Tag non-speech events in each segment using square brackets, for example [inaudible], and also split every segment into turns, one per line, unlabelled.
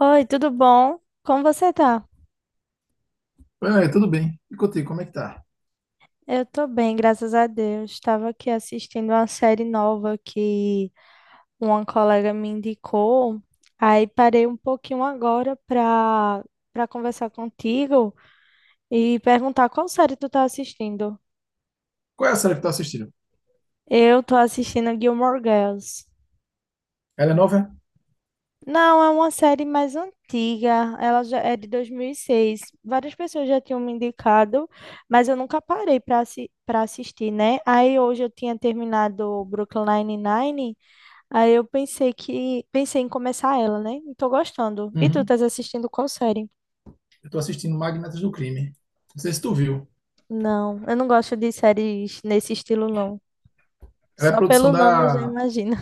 Oi, tudo bom? Como você tá?
É, tudo bem. E contigo, como é que tá?
Eu tô bem, graças a Deus. Estava aqui assistindo uma série nova que uma colega me indicou. Aí parei um pouquinho agora pra conversar contigo e perguntar qual série tu tá assistindo.
Qual é a série que tu tá assistindo?
Eu tô assistindo Gilmore Girls.
Ela é nova? É?
Não, é uma série mais antiga, ela já é de 2006. Várias pessoas já tinham me indicado, mas eu nunca parei para assistir, né? Aí hoje eu tinha terminado o Brooklyn Nine-Nine, aí eu pensei que pensei em começar ela, né? E tô gostando. E tu
Uhum.
estás assistindo qual série?
Eu tô assistindo Magnatas do Crime. Não sei se tu viu.
Não, eu não gosto de séries nesse estilo, não.
Ela é
Só
produção
pelo nome eu já
da,
imagino.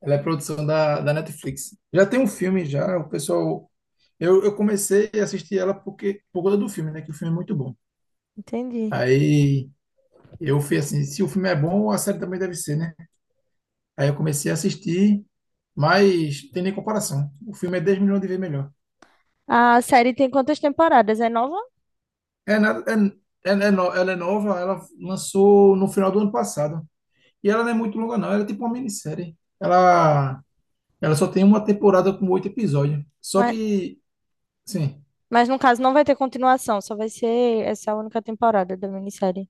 ela é produção da, da Netflix. Já tem um filme já, o pessoal. Eu comecei a assistir ela por conta do filme, né? Que o filme é muito bom.
[laughs] Entendi.
Aí eu fui assim, se o filme é bom, a série também deve ser, né? Aí eu comecei a assistir, mas tem nem comparação. O filme é 10 milhões de vezes melhor.
A série tem quantas temporadas? É nova?
É nada, ela é nova, ela lançou no final do ano passado. E ela não é muito longa, não. Ela é tipo uma minissérie. Ela só tem uma temporada com oito episódios. Só que, sim,
Mas no caso não vai ter continuação, só vai ser essa única temporada da minissérie.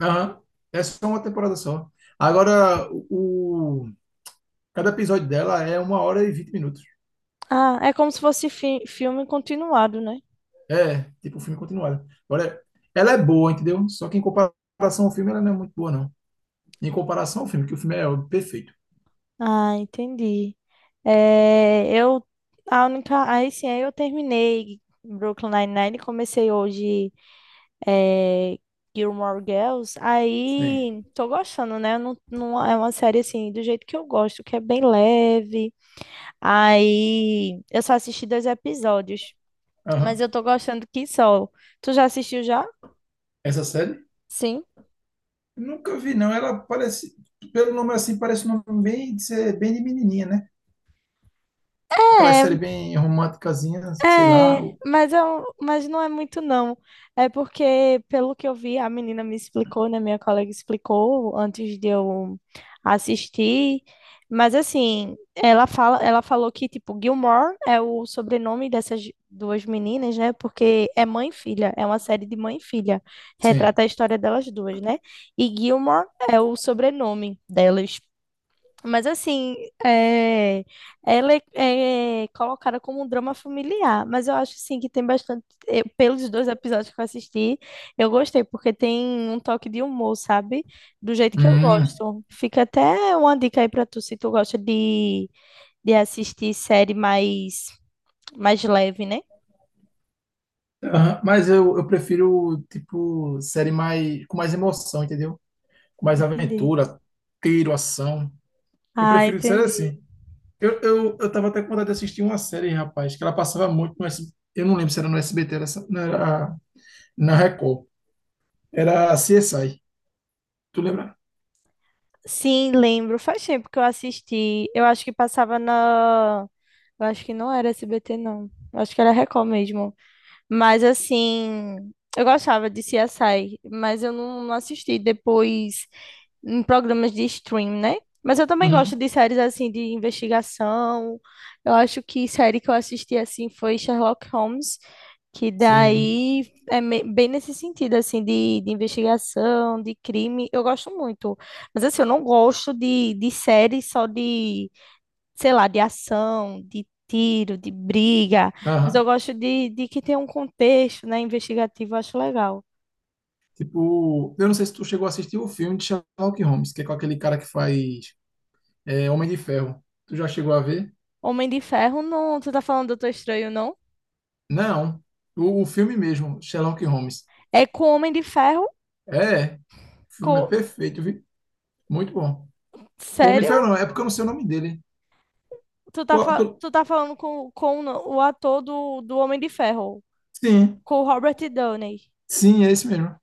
aham, é só uma temporada só. Agora, cada episódio dela é uma hora e 20 minutos.
Ah, é como se fosse filme continuado, né?
É, tipo um filme continuado. Agora, ela é boa, entendeu? Só que em comparação ao filme, ela não é muito boa, não. Em comparação ao filme, que o filme é perfeito.
Ah, entendi. É, eu a única, aí sim, aí eu terminei Brooklyn Nine-Nine, e comecei hoje é, Gilmore Girls.
Sim.
Aí tô gostando, né? Não, não é uma série assim do jeito que eu gosto, que é bem leve. Aí eu só assisti 2 episódios, mas
Aham.
eu tô gostando que só. Tu já assistiu já?
Essa série?
Sim.
Nunca vi, não. Ela parece, pelo nome assim, parece um nome bem de, bem de menininha, né? Aquela série
É,
bem românticazinha, sei lá.
mas não é muito, não. É porque, pelo que eu vi, a menina me explicou, né? Minha colega explicou antes de eu assistir. Mas assim, ela falou que, tipo, Gilmore é o sobrenome dessas duas meninas, né? Porque é mãe e filha, é uma série de mãe e filha.
Sim.
Retrata a história delas duas, né? E Gilmore é o sobrenome delas. Mas assim, é, é colocada como um drama familiar, mas eu acho sim que tem bastante, pelos 2 episódios que eu assisti, eu gostei, porque tem um toque de humor, sabe? Do jeito que eu
Hum.
gosto. Fica até uma dica aí pra tu, se tu gosta de assistir série mais leve, né?
Aham, mas eu prefiro, tipo, série mais, com mais emoção, entendeu? Com mais
Entendi.
aventura, tiro, ação. Eu
Ah,
prefiro série
entendi.
assim. Eu tava até com vontade de assistir uma série, rapaz, que ela passava muito no SBT. Eu não lembro se era no SBT, não era na Record. Era CSI. Tu lembra?
Sim, lembro. Faz tempo que eu assisti. Eu acho que passava na. Eu acho que não era SBT, não. Eu acho que era Record mesmo. Mas assim, eu gostava de CSI, mas eu não, não assisti depois em programas de stream, né? Mas eu também gosto
Uhum.
de séries assim de investigação. Eu acho que série que eu assisti assim foi Sherlock Holmes, que
Sim.
daí é bem nesse sentido assim de investigação, de crime. Eu gosto muito. Mas assim, eu não gosto de séries só de sei lá, de ação, de tiro, de briga, mas eu
Aham.
gosto de que tenha um contexto, né, investigativo, eu acho legal.
Tipo, eu não sei se tu chegou a assistir o filme de Sherlock Holmes, que é com aquele cara que faz Homem de Ferro. Tu já chegou a ver?
Homem de Ferro, não, tu tá falando do Doutor Estranho, não?
Não. O filme mesmo, Sherlock Holmes.
É com Homem de Ferro,
É, o filme é
com...
perfeito, viu? Muito bom. Com o Homem de
sério?
Ferro não, é porque eu não sei o nome dele.
Tu tá,
Qual- tu-
tu tá falando com o ator do Homem de Ferro,
Sim,
com o Robert Downey.
sim, é esse mesmo.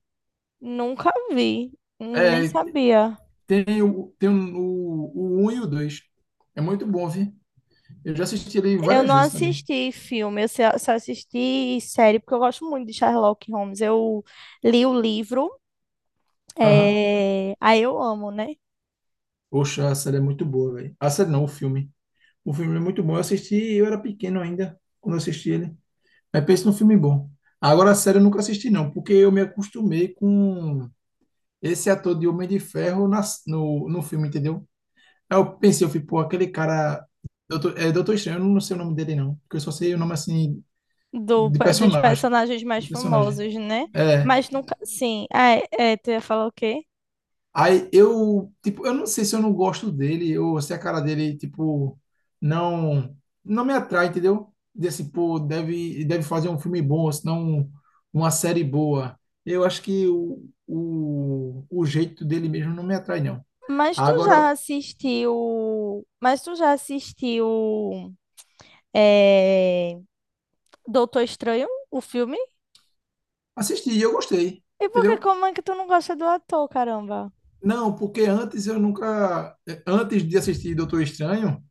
Nunca vi, nem
É,
sabia.
tem um, o um e o 2. É muito bom, viu? Eu já assisti ele
Eu
várias
não
vezes também.
assisti filme, eu só assisti série, porque eu gosto muito de Sherlock Holmes. Eu li o livro.
Aham.
É... Aí eu amo, né?
Poxa, a série é muito boa, velho. A série não, o filme. O filme é muito bom. Eu assisti, eu era pequeno ainda, quando eu assisti ele. Mas pensa num filme bom. Agora, sério, eu nunca assisti, não, porque eu me acostumei com esse ator de Homem de Ferro na, no, no filme, entendeu? Aí eu pensei, eu fui, pô, aquele cara. Doutor, é Doutor Estranho, eu não sei o nome dele, não. Porque eu só sei o nome, assim,
Do,
de
Dos
personagem.
personagens
De
mais
personagem.
famosos, né?
É.
Mas nunca, sim. Ah, é, é, tu ia falar o quê?
Aí eu, tipo, eu não sei se eu não gosto dele ou se a cara dele, tipo, não não me atrai, entendeu? Desse, pô, deve fazer um filme bom, ou senão uma série boa. Eu acho que o jeito dele mesmo não me atrai, não.
Mas tu
Agora,
já assistiu. Mas tu já assistiu. É... Doutor Estranho, o filme?
assisti e eu gostei,
E por que,
entendeu?
como é que tu não gosta do ator, caramba?
Não, porque antes eu nunca, antes de assistir Doutor Estranho,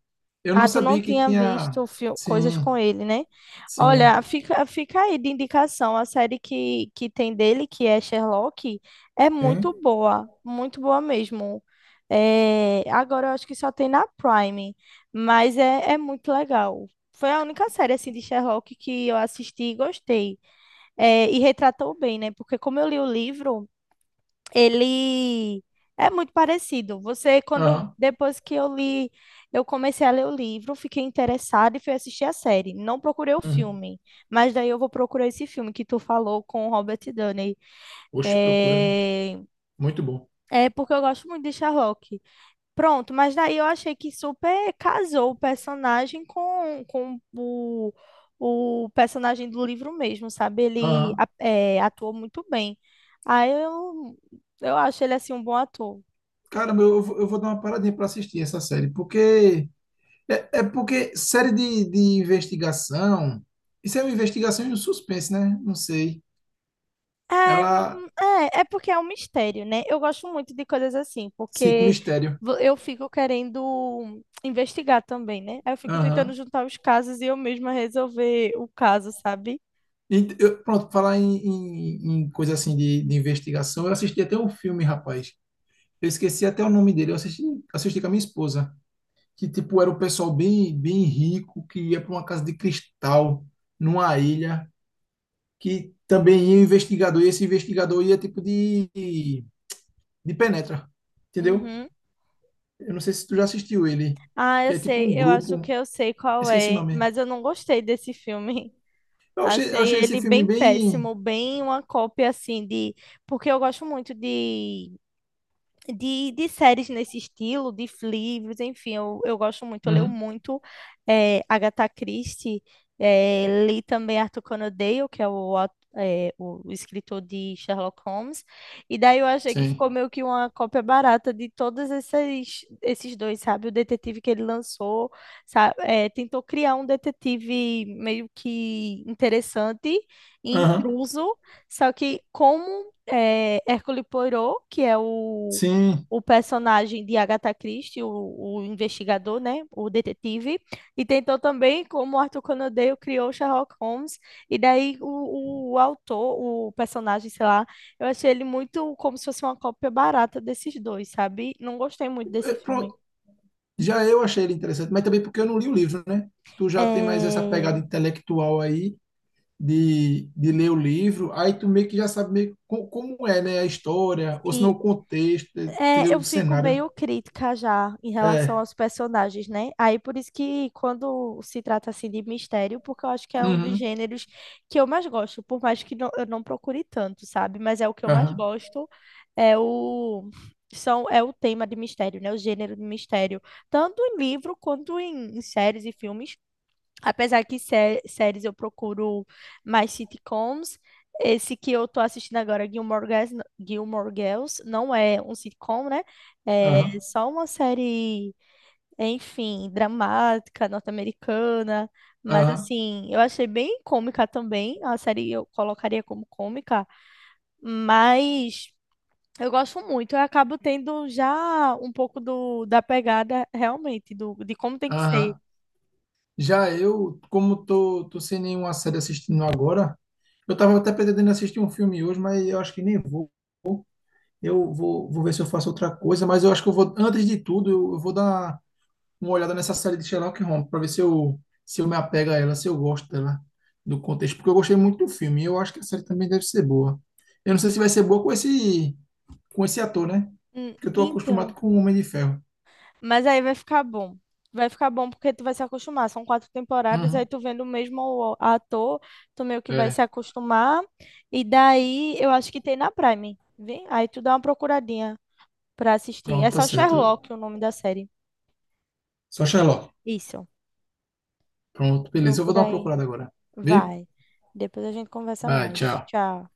eu não
Ah, tu não
sabia que
tinha
tinha.
visto coisas
Sim,
com ele, né?
sim,
Olha, fica aí de indicação. A série que tem dele, que é Sherlock, é
sim.
muito boa mesmo. É, agora eu acho que só tem na Prime, mas é muito legal. Foi a única série assim de Sherlock que eu assisti e gostei. É, e retratou bem, né? Porque como eu li o livro. Ele é muito parecido. Você, quando
Aham.
depois que eu li, eu comecei a ler o livro, fiquei interessada e fui assistir a série. Não procurei o
Uhum.
filme, mas daí eu vou procurar esse filme que tu falou com o Robert Downey.
Oxe, procura, viu?
É,
Muito bom.
é porque eu gosto muito de Sherlock. Pronto, mas daí eu achei que super casou o personagem com o personagem do livro mesmo, sabe?
Ah,
Atuou muito bem. Aí eu, eu acho ele assim um bom ator.
caramba, eu, eu vou dar uma paradinha para assistir essa série, porque série de investigação, isso é uma investigação e um suspense, né? Não sei.
É,
Ela,
é porque é um mistério, né? Eu gosto muito de coisas assim,
sim, com
porque
mistério.
eu fico querendo investigar também, né? Aí eu fico tentando
Aham.
juntar os casos e eu mesma resolver o caso, sabe?
Pronto, falar em, em coisa assim de, investigação, eu assisti até um filme, rapaz. Eu esqueci até o nome dele, eu assisti com a minha esposa, que tipo era um pessoal bem, bem rico que ia para uma casa de cristal numa ilha, que também ia o investigador, e esse investigador ia tipo de, penetra, entendeu?
Uhum.
Eu não sei se tu já assistiu ele,
Ah, eu
que é tipo
sei,
um
eu acho que
grupo,
eu sei qual
esqueci o
é,
nome.
mas eu não gostei desse filme. [laughs]
Eu achei, eu
Achei
achei esse
ele
filme
bem
bem.
péssimo, bem uma cópia assim de. Porque eu gosto muito de de séries nesse estilo, de livros, enfim, eu gosto muito, eu leio
Uhum,
muito eh, Agatha Christie, eh, li também Arthur Conan Doyle, que é o, au- eh, o escritor de Sherlock Holmes, e daí eu achei que
sim.
ficou meio que uma cópia barata de todos esses, esses dois, sabe? O detetive que ele lançou, tentou criar um detetive meio que interessante,
Aham,
intruso, só que como... eh, Hercule Poirot, que é
sim.
o personagem de Agatha Christie, o investigador, né, o detetive, e tentou também como Arthur Conan Doyle criou Sherlock Holmes, e daí o autor, o personagem, sei lá, eu achei ele muito como se fosse uma cópia barata desses dois, sabe? Não gostei muito
É,
desse filme.
pronto, já eu achei ele interessante, mas também porque eu não li o livro, né? Tu já tem mais essa pegada
É,
intelectual aí de, ler o livro, aí tu meio que já sabe meio como é, né? A história, ou se não
E
o contexto,
É,
entendeu?
eu
O
fico
cenário.
meio crítica já em relação
É.
aos personagens, né? Aí por isso que quando se trata assim de mistério, porque eu acho que é um dos
Uhum.
gêneros que eu mais gosto, por mais que eu não procure tanto, sabe? Mas é o que eu mais
Aham.
gosto, é o são é o tema de mistério, né? O gênero de mistério, tanto em livro quanto em, em séries e filmes. Apesar que séries eu procuro mais sitcoms, esse que eu tô assistindo agora, Gilmore Girls, não é um sitcom, né? É
Aham,
só uma série, enfim, dramática, norte-americana, mas
aham,
assim, eu achei bem cômica também, a série eu colocaria como cômica, mas eu gosto muito, eu acabo tendo já um pouco da pegada realmente, do, de como tem que ser.
aham. Já eu, como tô, sem nenhuma série assistindo agora, eu tava até pretendendo assistir um filme hoje, mas eu acho que nem vou. Eu vou ver se eu faço outra coisa, mas eu acho que eu vou, antes de tudo, eu vou dar uma olhada nessa série de Sherlock Holmes, para ver se eu me apego a ela, se eu gosto dela, do contexto, porque eu gostei muito do filme, e eu acho que a série também deve ser boa. Eu não sei se vai ser boa com esse ator, né? Porque eu tô acostumado
Então.
com o Homem de Ferro.
Mas aí vai ficar bom. Vai ficar bom porque tu vai se acostumar. São 4 temporadas, aí
Uhum.
tu vendo o mesmo ator, tu meio que vai se
É,
acostumar. E daí eu acho que tem na Prime, vê? Aí tu dá uma procuradinha pra assistir. É
pronto, tá
só
certo.
Sherlock o nome da série.
Só Sherlock.
Isso.
Pronto, beleza. Eu vou dar
Procura
uma
aí.
procurada agora. Vê?
Vai. Depois a gente conversa
Vai,
mais.
tchau.
Tchau.